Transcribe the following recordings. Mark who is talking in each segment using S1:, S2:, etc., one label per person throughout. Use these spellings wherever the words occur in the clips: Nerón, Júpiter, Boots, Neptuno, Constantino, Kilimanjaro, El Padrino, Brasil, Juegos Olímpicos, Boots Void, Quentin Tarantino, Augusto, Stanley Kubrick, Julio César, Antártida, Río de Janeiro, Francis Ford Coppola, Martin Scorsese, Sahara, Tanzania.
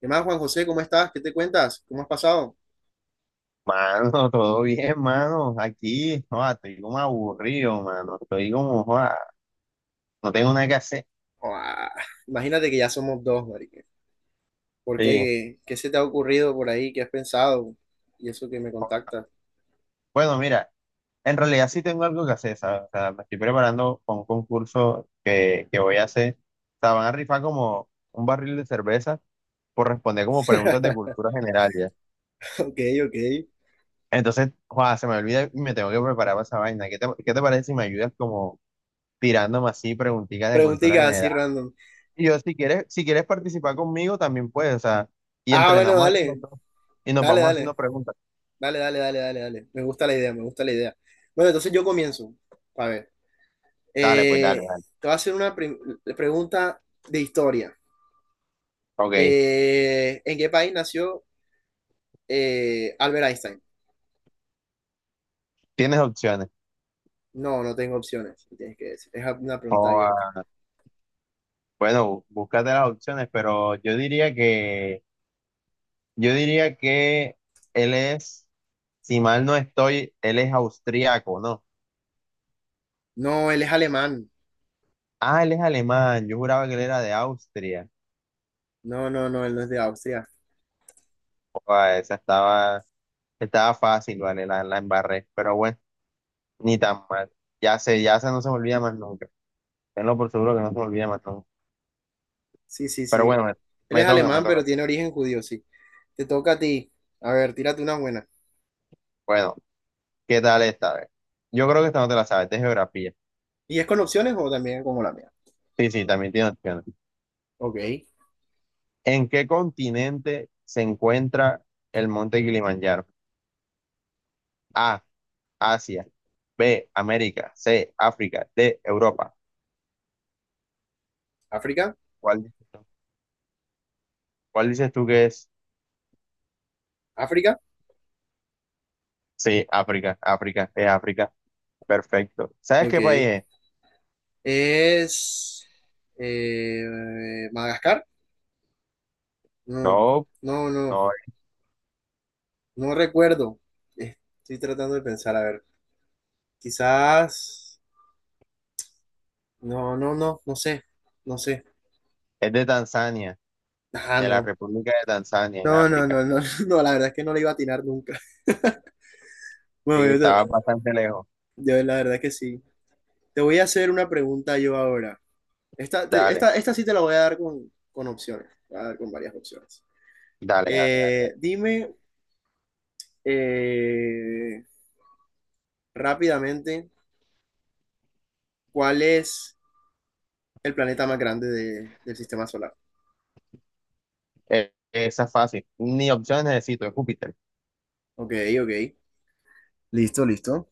S1: ¿Qué más, Juan José? ¿Cómo estás? ¿Qué te cuentas? ¿Cómo has pasado?
S2: Mano, todo bien, mano. Aquí, joda, estoy como aburrido, mano. Estoy como, joda, no tengo nada que hacer.
S1: Ah, imagínate que ya somos dos, marica. ¿Por
S2: Sí.
S1: qué? ¿Qué se te ha ocurrido por ahí? ¿Qué has pensado? Y eso que me contactas.
S2: Bueno, mira, en realidad sí tengo algo que hacer, ¿sabes? O sea, me estoy preparando para un concurso que voy a hacer. O sea, van a rifar como un barril de cerveza por responder como preguntas de cultura general, ya.
S1: Ok, ok.
S2: Entonces, joda, se me olvida y me tengo que preparar para esa vaina. ¿Qué te parece si me ayudas como tirándome así preguntitas de cultura
S1: Preguntitas así
S2: general?
S1: random.
S2: Y yo, si quieres participar conmigo, también puedes, o sea, y
S1: Ah, bueno,
S2: entrenamos aquí los
S1: dale.
S2: dos y nos
S1: Dale,
S2: vamos haciendo
S1: dale.
S2: preguntas.
S1: Dale, dale, dale, dale, dale. Me gusta la idea, me gusta la idea. Bueno, entonces yo comienzo. A ver.
S2: Dale, pues dale,
S1: Eh,
S2: dale.
S1: te voy a hacer una pregunta de historia.
S2: Ok,
S1: ¿En qué país nació Albert Einstein?
S2: tienes opciones.
S1: No, no tengo opciones, me tienes que decir. Es una pregunta
S2: O,
S1: abierta.
S2: ah, bueno, búscate las opciones, pero yo diría que él es, si mal no estoy, él es austríaco, ¿no?
S1: No, él es alemán.
S2: Ah, él es alemán, yo juraba que él era de Austria.
S1: No, no, no, él no es de Austria.
S2: Joda, estaba fácil, vale, la embarré, pero bueno, ni tan mal. Ya se no se me olvida más nunca. Tenlo por seguro que no se lo olvida, matón.
S1: Sí, sí,
S2: Pero
S1: sí.
S2: bueno,
S1: Él es
S2: me toca, me
S1: alemán,
S2: toca.
S1: pero tiene origen judío, sí. Te toca a ti. A ver, tírate una buena.
S2: Bueno, ¿qué tal esta vez? Yo creo que esta no te la sabes, es de geografía.
S1: ¿Y es con opciones o también como la mía?
S2: Sí, sí, también tiene opciones.
S1: Ok.
S2: ¿En qué continente se encuentra el monte Kilimanjaro? A, Asia. B, América. C, África. D, Europa.
S1: África.
S2: ¿Cuál dices tú? ¿Cuál dices tú que es?
S1: África.
S2: Sí, África, África, es África. Perfecto. ¿Sabes qué país
S1: Ok.
S2: es?
S1: ¿Es Madagascar? No,
S2: No,
S1: no, no.
S2: no,
S1: No recuerdo. Eh, Estoy tratando de pensar. A ver. Quizás. No, no, no. No sé. No sé.
S2: es de Tanzania,
S1: Ah,
S2: de la
S1: no.
S2: República de Tanzania, en
S1: No, no,
S2: África.
S1: no, no, no, la verdad es que no le iba a atinar nunca. Bueno,
S2: Sí,
S1: yo, te-
S2: estaba bastante lejos.
S1: yo la verdad es que sí. Te voy a hacer una pregunta yo ahora. Esta, te-
S2: Dale,
S1: esta, esta sí te la voy a dar con, opciones, te voy a dar con varias opciones.
S2: dale, dale, dale, dale.
S1: Dime eh, rápidamente cuál es el planeta más grande del sistema solar.
S2: Esa es fácil. Ni opciones necesito, es Júpiter.
S1: Ok, ok. Listo, listo.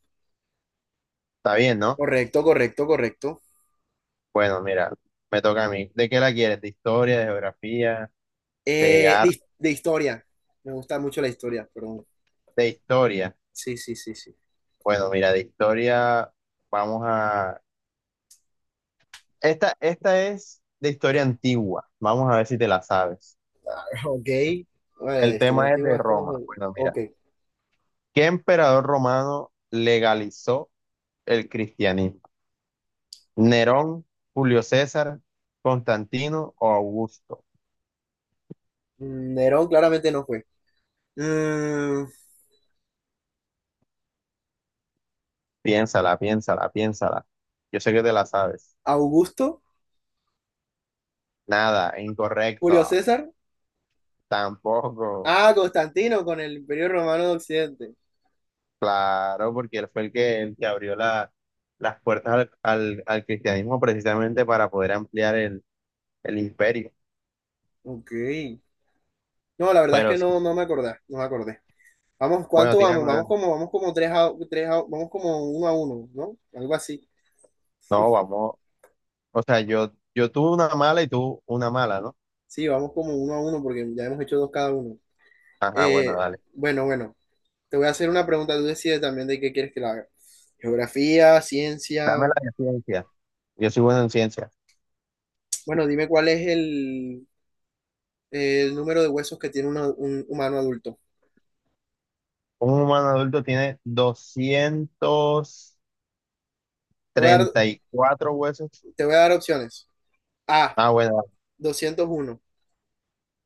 S2: Está bien, ¿no?
S1: Correcto, correcto, correcto.
S2: Bueno, mira, me toca a mí. ¿De qué la quieres? ¿De historia, de geografía, de
S1: De,
S2: arte,
S1: de historia. Me gusta mucho la historia, pero
S2: de historia?
S1: sí, sí, sí, sí.
S2: Bueno, mira, de historia vamos a... Esta es de historia antigua. Vamos a ver si te la sabes.
S1: Ok. Bueno, la
S2: El
S1: historia
S2: tema es
S1: antigua
S2: de
S1: es como
S2: Roma.
S1: jodido.
S2: Bueno, mira,
S1: Ok.
S2: ¿qué emperador romano legalizó el cristianismo? ¿Nerón, Julio César, Constantino o Augusto?
S1: Nerón claramente no fue. Mm,
S2: Piénsala, piénsala, piénsala. Yo sé que te la sabes.
S1: Augusto,
S2: Nada,
S1: Julio
S2: incorrecto.
S1: César.
S2: Tampoco.
S1: Ah, Constantino con el Imperio Romano de Occidente.
S2: Claro, porque él fue el que abrió la- las puertas al cristianismo precisamente para poder ampliar el imperio.
S1: Ok. No, la verdad es
S2: Pero
S1: que
S2: sí.
S1: no, no me acordé, no me acordé. Vamos,
S2: Bueno,
S1: ¿cuánto
S2: tírame
S1: vamos?
S2: una.
S1: Vamos como uno a uno, ¿no? Algo así.
S2: No, vamos. O sea, yo tuve una mala y tú una mala, ¿no?
S1: Sí, vamos como uno a uno porque ya hemos hecho dos cada uno.
S2: Ajá, bueno,
S1: Eh,
S2: dale.
S1: bueno, bueno, te voy a hacer una pregunta, tú decides también de qué quieres que la haga. Geografía,
S2: Dame
S1: ciencia.
S2: la de ciencia. Yo soy bueno en ciencia.
S1: Bueno, dime cuál es el número de huesos que tiene un humano adulto.
S2: Un humano adulto tiene doscientos
S1: Te voy a dar,
S2: treinta y cuatro huesos.
S1: te voy a dar opciones. A,
S2: Ah, bueno,
S1: 201.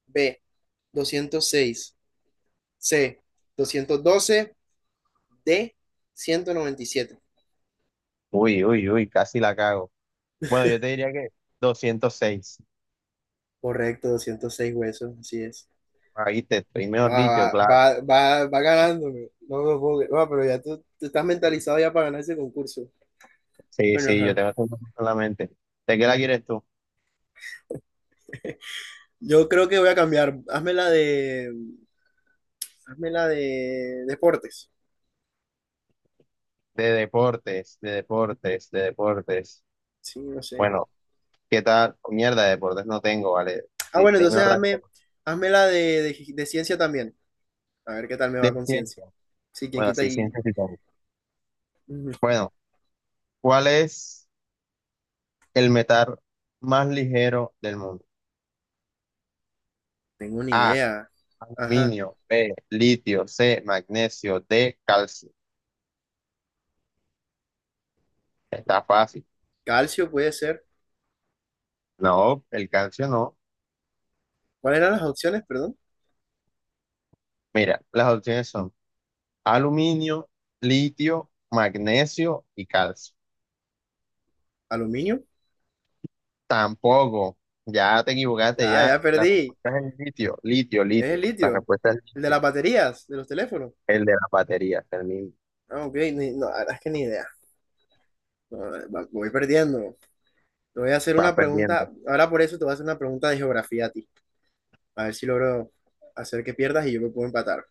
S1: B, 206. C, 212. D, 197.
S2: uy, uy, uy, casi la cago. Bueno, yo te diría que 206.
S1: Correcto, 206 huesos, así es.
S2: Ahí te estoy, mejor
S1: Va,
S2: dicho,
S1: va,
S2: claro.
S1: va, va ganándome. No me puedo creer. Ah, pero ya tú estás mentalizado ya para ganar ese concurso.
S2: Sí,
S1: Bueno,
S2: sí, yo
S1: ajá.
S2: tengo eso en la mente. ¿De qué la quieres tú?
S1: Yo creo que voy a cambiar. Hazme la de deportes.
S2: De deportes, de deportes, de deportes.
S1: Sí, no sé.
S2: Bueno, ¿qué tal? Oh, mierda, de deportes no tengo, ¿vale?
S1: Ah,
S2: Di-
S1: bueno,
S2: Dime
S1: entonces
S2: otra
S1: hazme,
S2: cosa.
S1: hazme la de ciencia también. A ver qué tal me
S2: De
S1: va con ciencia.
S2: ciencia.
S1: Sí, quién
S2: Bueno,
S1: quita
S2: sí,
S1: y.
S2: ciencia sí tengo.
S1: Ujú,
S2: Bueno, ¿cuál es el metal más ligero del mundo?
S1: tengo una
S2: A,
S1: idea. Ajá.
S2: aluminio, B, litio, C, magnesio, D, calcio. Está fácil.
S1: Calcio puede ser.
S2: No, el calcio no.
S1: ¿Cuáles eran las opciones, perdón?
S2: Mira, las opciones son aluminio, litio, magnesio y calcio.
S1: ¿Aluminio?
S2: Tampoco. Ya te equivocaste,
S1: Ah, ya
S2: ya. La
S1: perdí.
S2: respuesta es el litio, litio,
S1: Es el
S2: litio. La
S1: litio.
S2: respuesta es
S1: El de
S2: litio.
S1: las baterías, de los teléfonos.
S2: El de las baterías, el mismo.
S1: Ah, ok. No, la verdad es que ni idea. No, voy perdiendo. Te voy a hacer
S2: Vas
S1: una
S2: perdiendo.
S1: pregunta. Ahora por eso te voy a hacer una pregunta de geografía a ti. A ver si logro hacer que pierdas y yo me puedo empatar.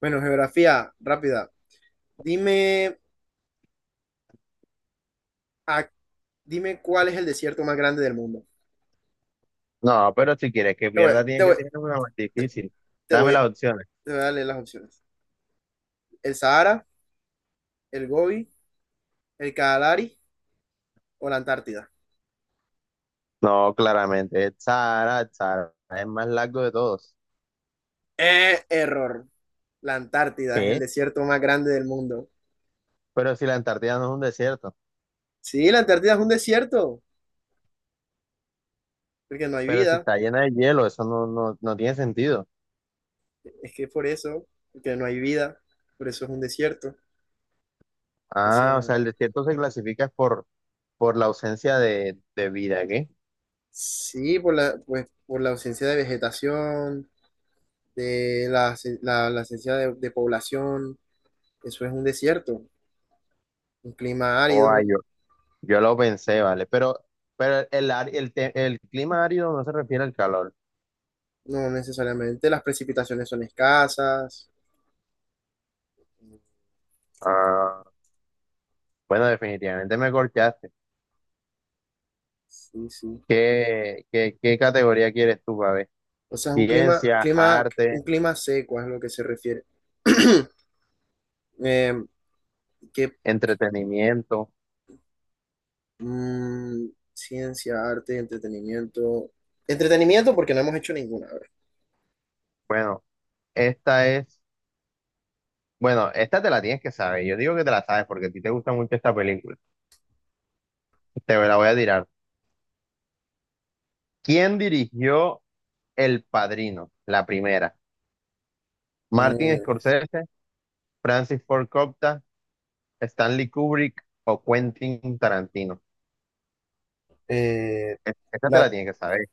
S1: Bueno, geografía, rápida. Dime... ¿A Dime cuál es el desierto más grande del mundo.
S2: No, pero si quieres que
S1: Te voy,
S2: pierda,
S1: te
S2: tienes que
S1: voy,
S2: tener una más difícil.
S1: te
S2: Dame
S1: voy,
S2: las opciones.
S1: te voy a leer las opciones. ¿El Sahara, el Gobi, el Kalahari o la Antártida?
S2: No, claramente. El Sahara es el más largo de todos.
S1: Error. La Antártida es el
S2: ¿Qué?
S1: desierto más grande del mundo.
S2: Pero si la Antártida no es un desierto.
S1: Sí, la Antártida es un desierto, porque no hay
S2: Pero si
S1: vida.
S2: está llena de hielo, eso no, no, no tiene sentido.
S1: Es que por eso, porque no hay vida, por eso es un desierto. O
S2: Ah, o
S1: sea,
S2: sea, el desierto se clasifica por la ausencia de vida, ¿qué?
S1: sí, pues, por la ausencia de vegetación, de la ausencia de población, eso es un desierto, un clima
S2: Oh, ah,
S1: árido.
S2: yo lo pensé, vale. Pero el, ar- el, te- el clima árido no se refiere al calor.
S1: No necesariamente, las precipitaciones son escasas.
S2: Ah, bueno, definitivamente me corchaste.
S1: Sí, sí.
S2: ¿Qué, qué, qué categoría quieres tú, Babe?
S1: O sea, es un
S2: Ciencia, arte,
S1: clima seco es lo que se refiere. Eh, ¿qué,
S2: entretenimiento.
S1: mm, ciencia, arte, entretenimiento? Entretenimiento porque no hemos hecho ninguna. A ver.
S2: Bueno, esta es. Bueno, esta te la tienes que saber. Yo digo que te la sabes porque a ti te gusta mucho esta película. Te la voy a tirar. ¿Quién dirigió El Padrino? La primera. Martin Scorsese, Francis Ford Coppola, Stanley Kubrick o Quentin Tarantino.
S1: Eh, eh,
S2: Es- Esta te la
S1: la,
S2: tienes que saber.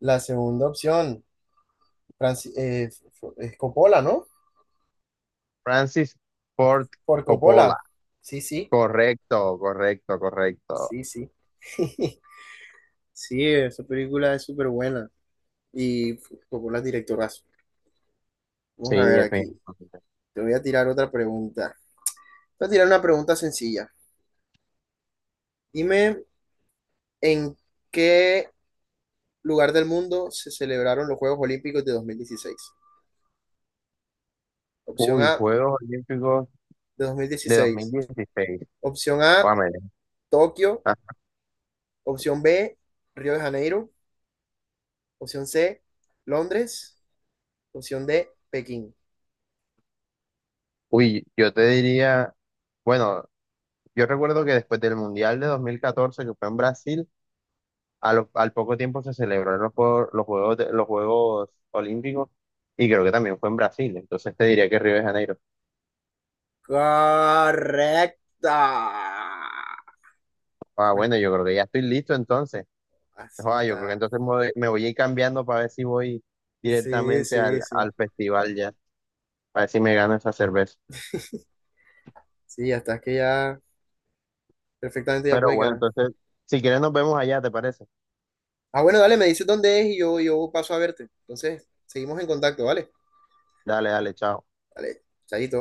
S1: la segunda opción, es Coppola, ¿no?
S2: Francis Ford
S1: Por
S2: Coppola.
S1: Coppola. Sí, sí,
S2: Correcto, correcto, correcto.
S1: sí, sí. Sí, esa película es súper buena. Y tocó las directoras. Vamos
S2: Sí,
S1: a ver aquí.
S2: definitivamente.
S1: Te voy a tirar otra pregunta. Te voy a tirar una pregunta sencilla. Dime en qué lugar del mundo se celebraron los Juegos Olímpicos de 2016. Opción
S2: Uy,
S1: A,
S2: Juegos Olímpicos
S1: de dos mil
S2: de
S1: dieciséis
S2: 2016.
S1: Opción A,
S2: Guámele.
S1: Tokio.
S2: Ah,
S1: Opción B, Río de Janeiro. Opción C, Londres. Opción D, Pekín.
S2: uy, yo te diría, bueno, yo recuerdo que después del Mundial de 2014 que fue en Brasil, a lo- al poco tiempo se celebraron los Juegos Olímpicos y creo que también fue en Brasil. Entonces te diría que Río de Janeiro.
S1: Correcta.
S2: Ah,
S1: Bueno,
S2: bueno, yo creo que ya estoy listo entonces.
S1: así
S2: Ah, yo creo que
S1: está.
S2: entonces me voy a ir cambiando para ver si voy
S1: Sí,
S2: directamente
S1: sí, sí.
S2: al festival ya, para ver si me gano esa cerveza.
S1: Sí, hasta que ya. Perfectamente ya
S2: Pero
S1: puedes
S2: bueno,
S1: ganar.
S2: entonces, si quieres nos vemos allá, ¿te parece?
S1: Ah, bueno, dale, me dices dónde es y yo paso a verte. Entonces, seguimos en contacto, ¿vale?
S2: Dale, dale, chao.
S1: Dale, chayito.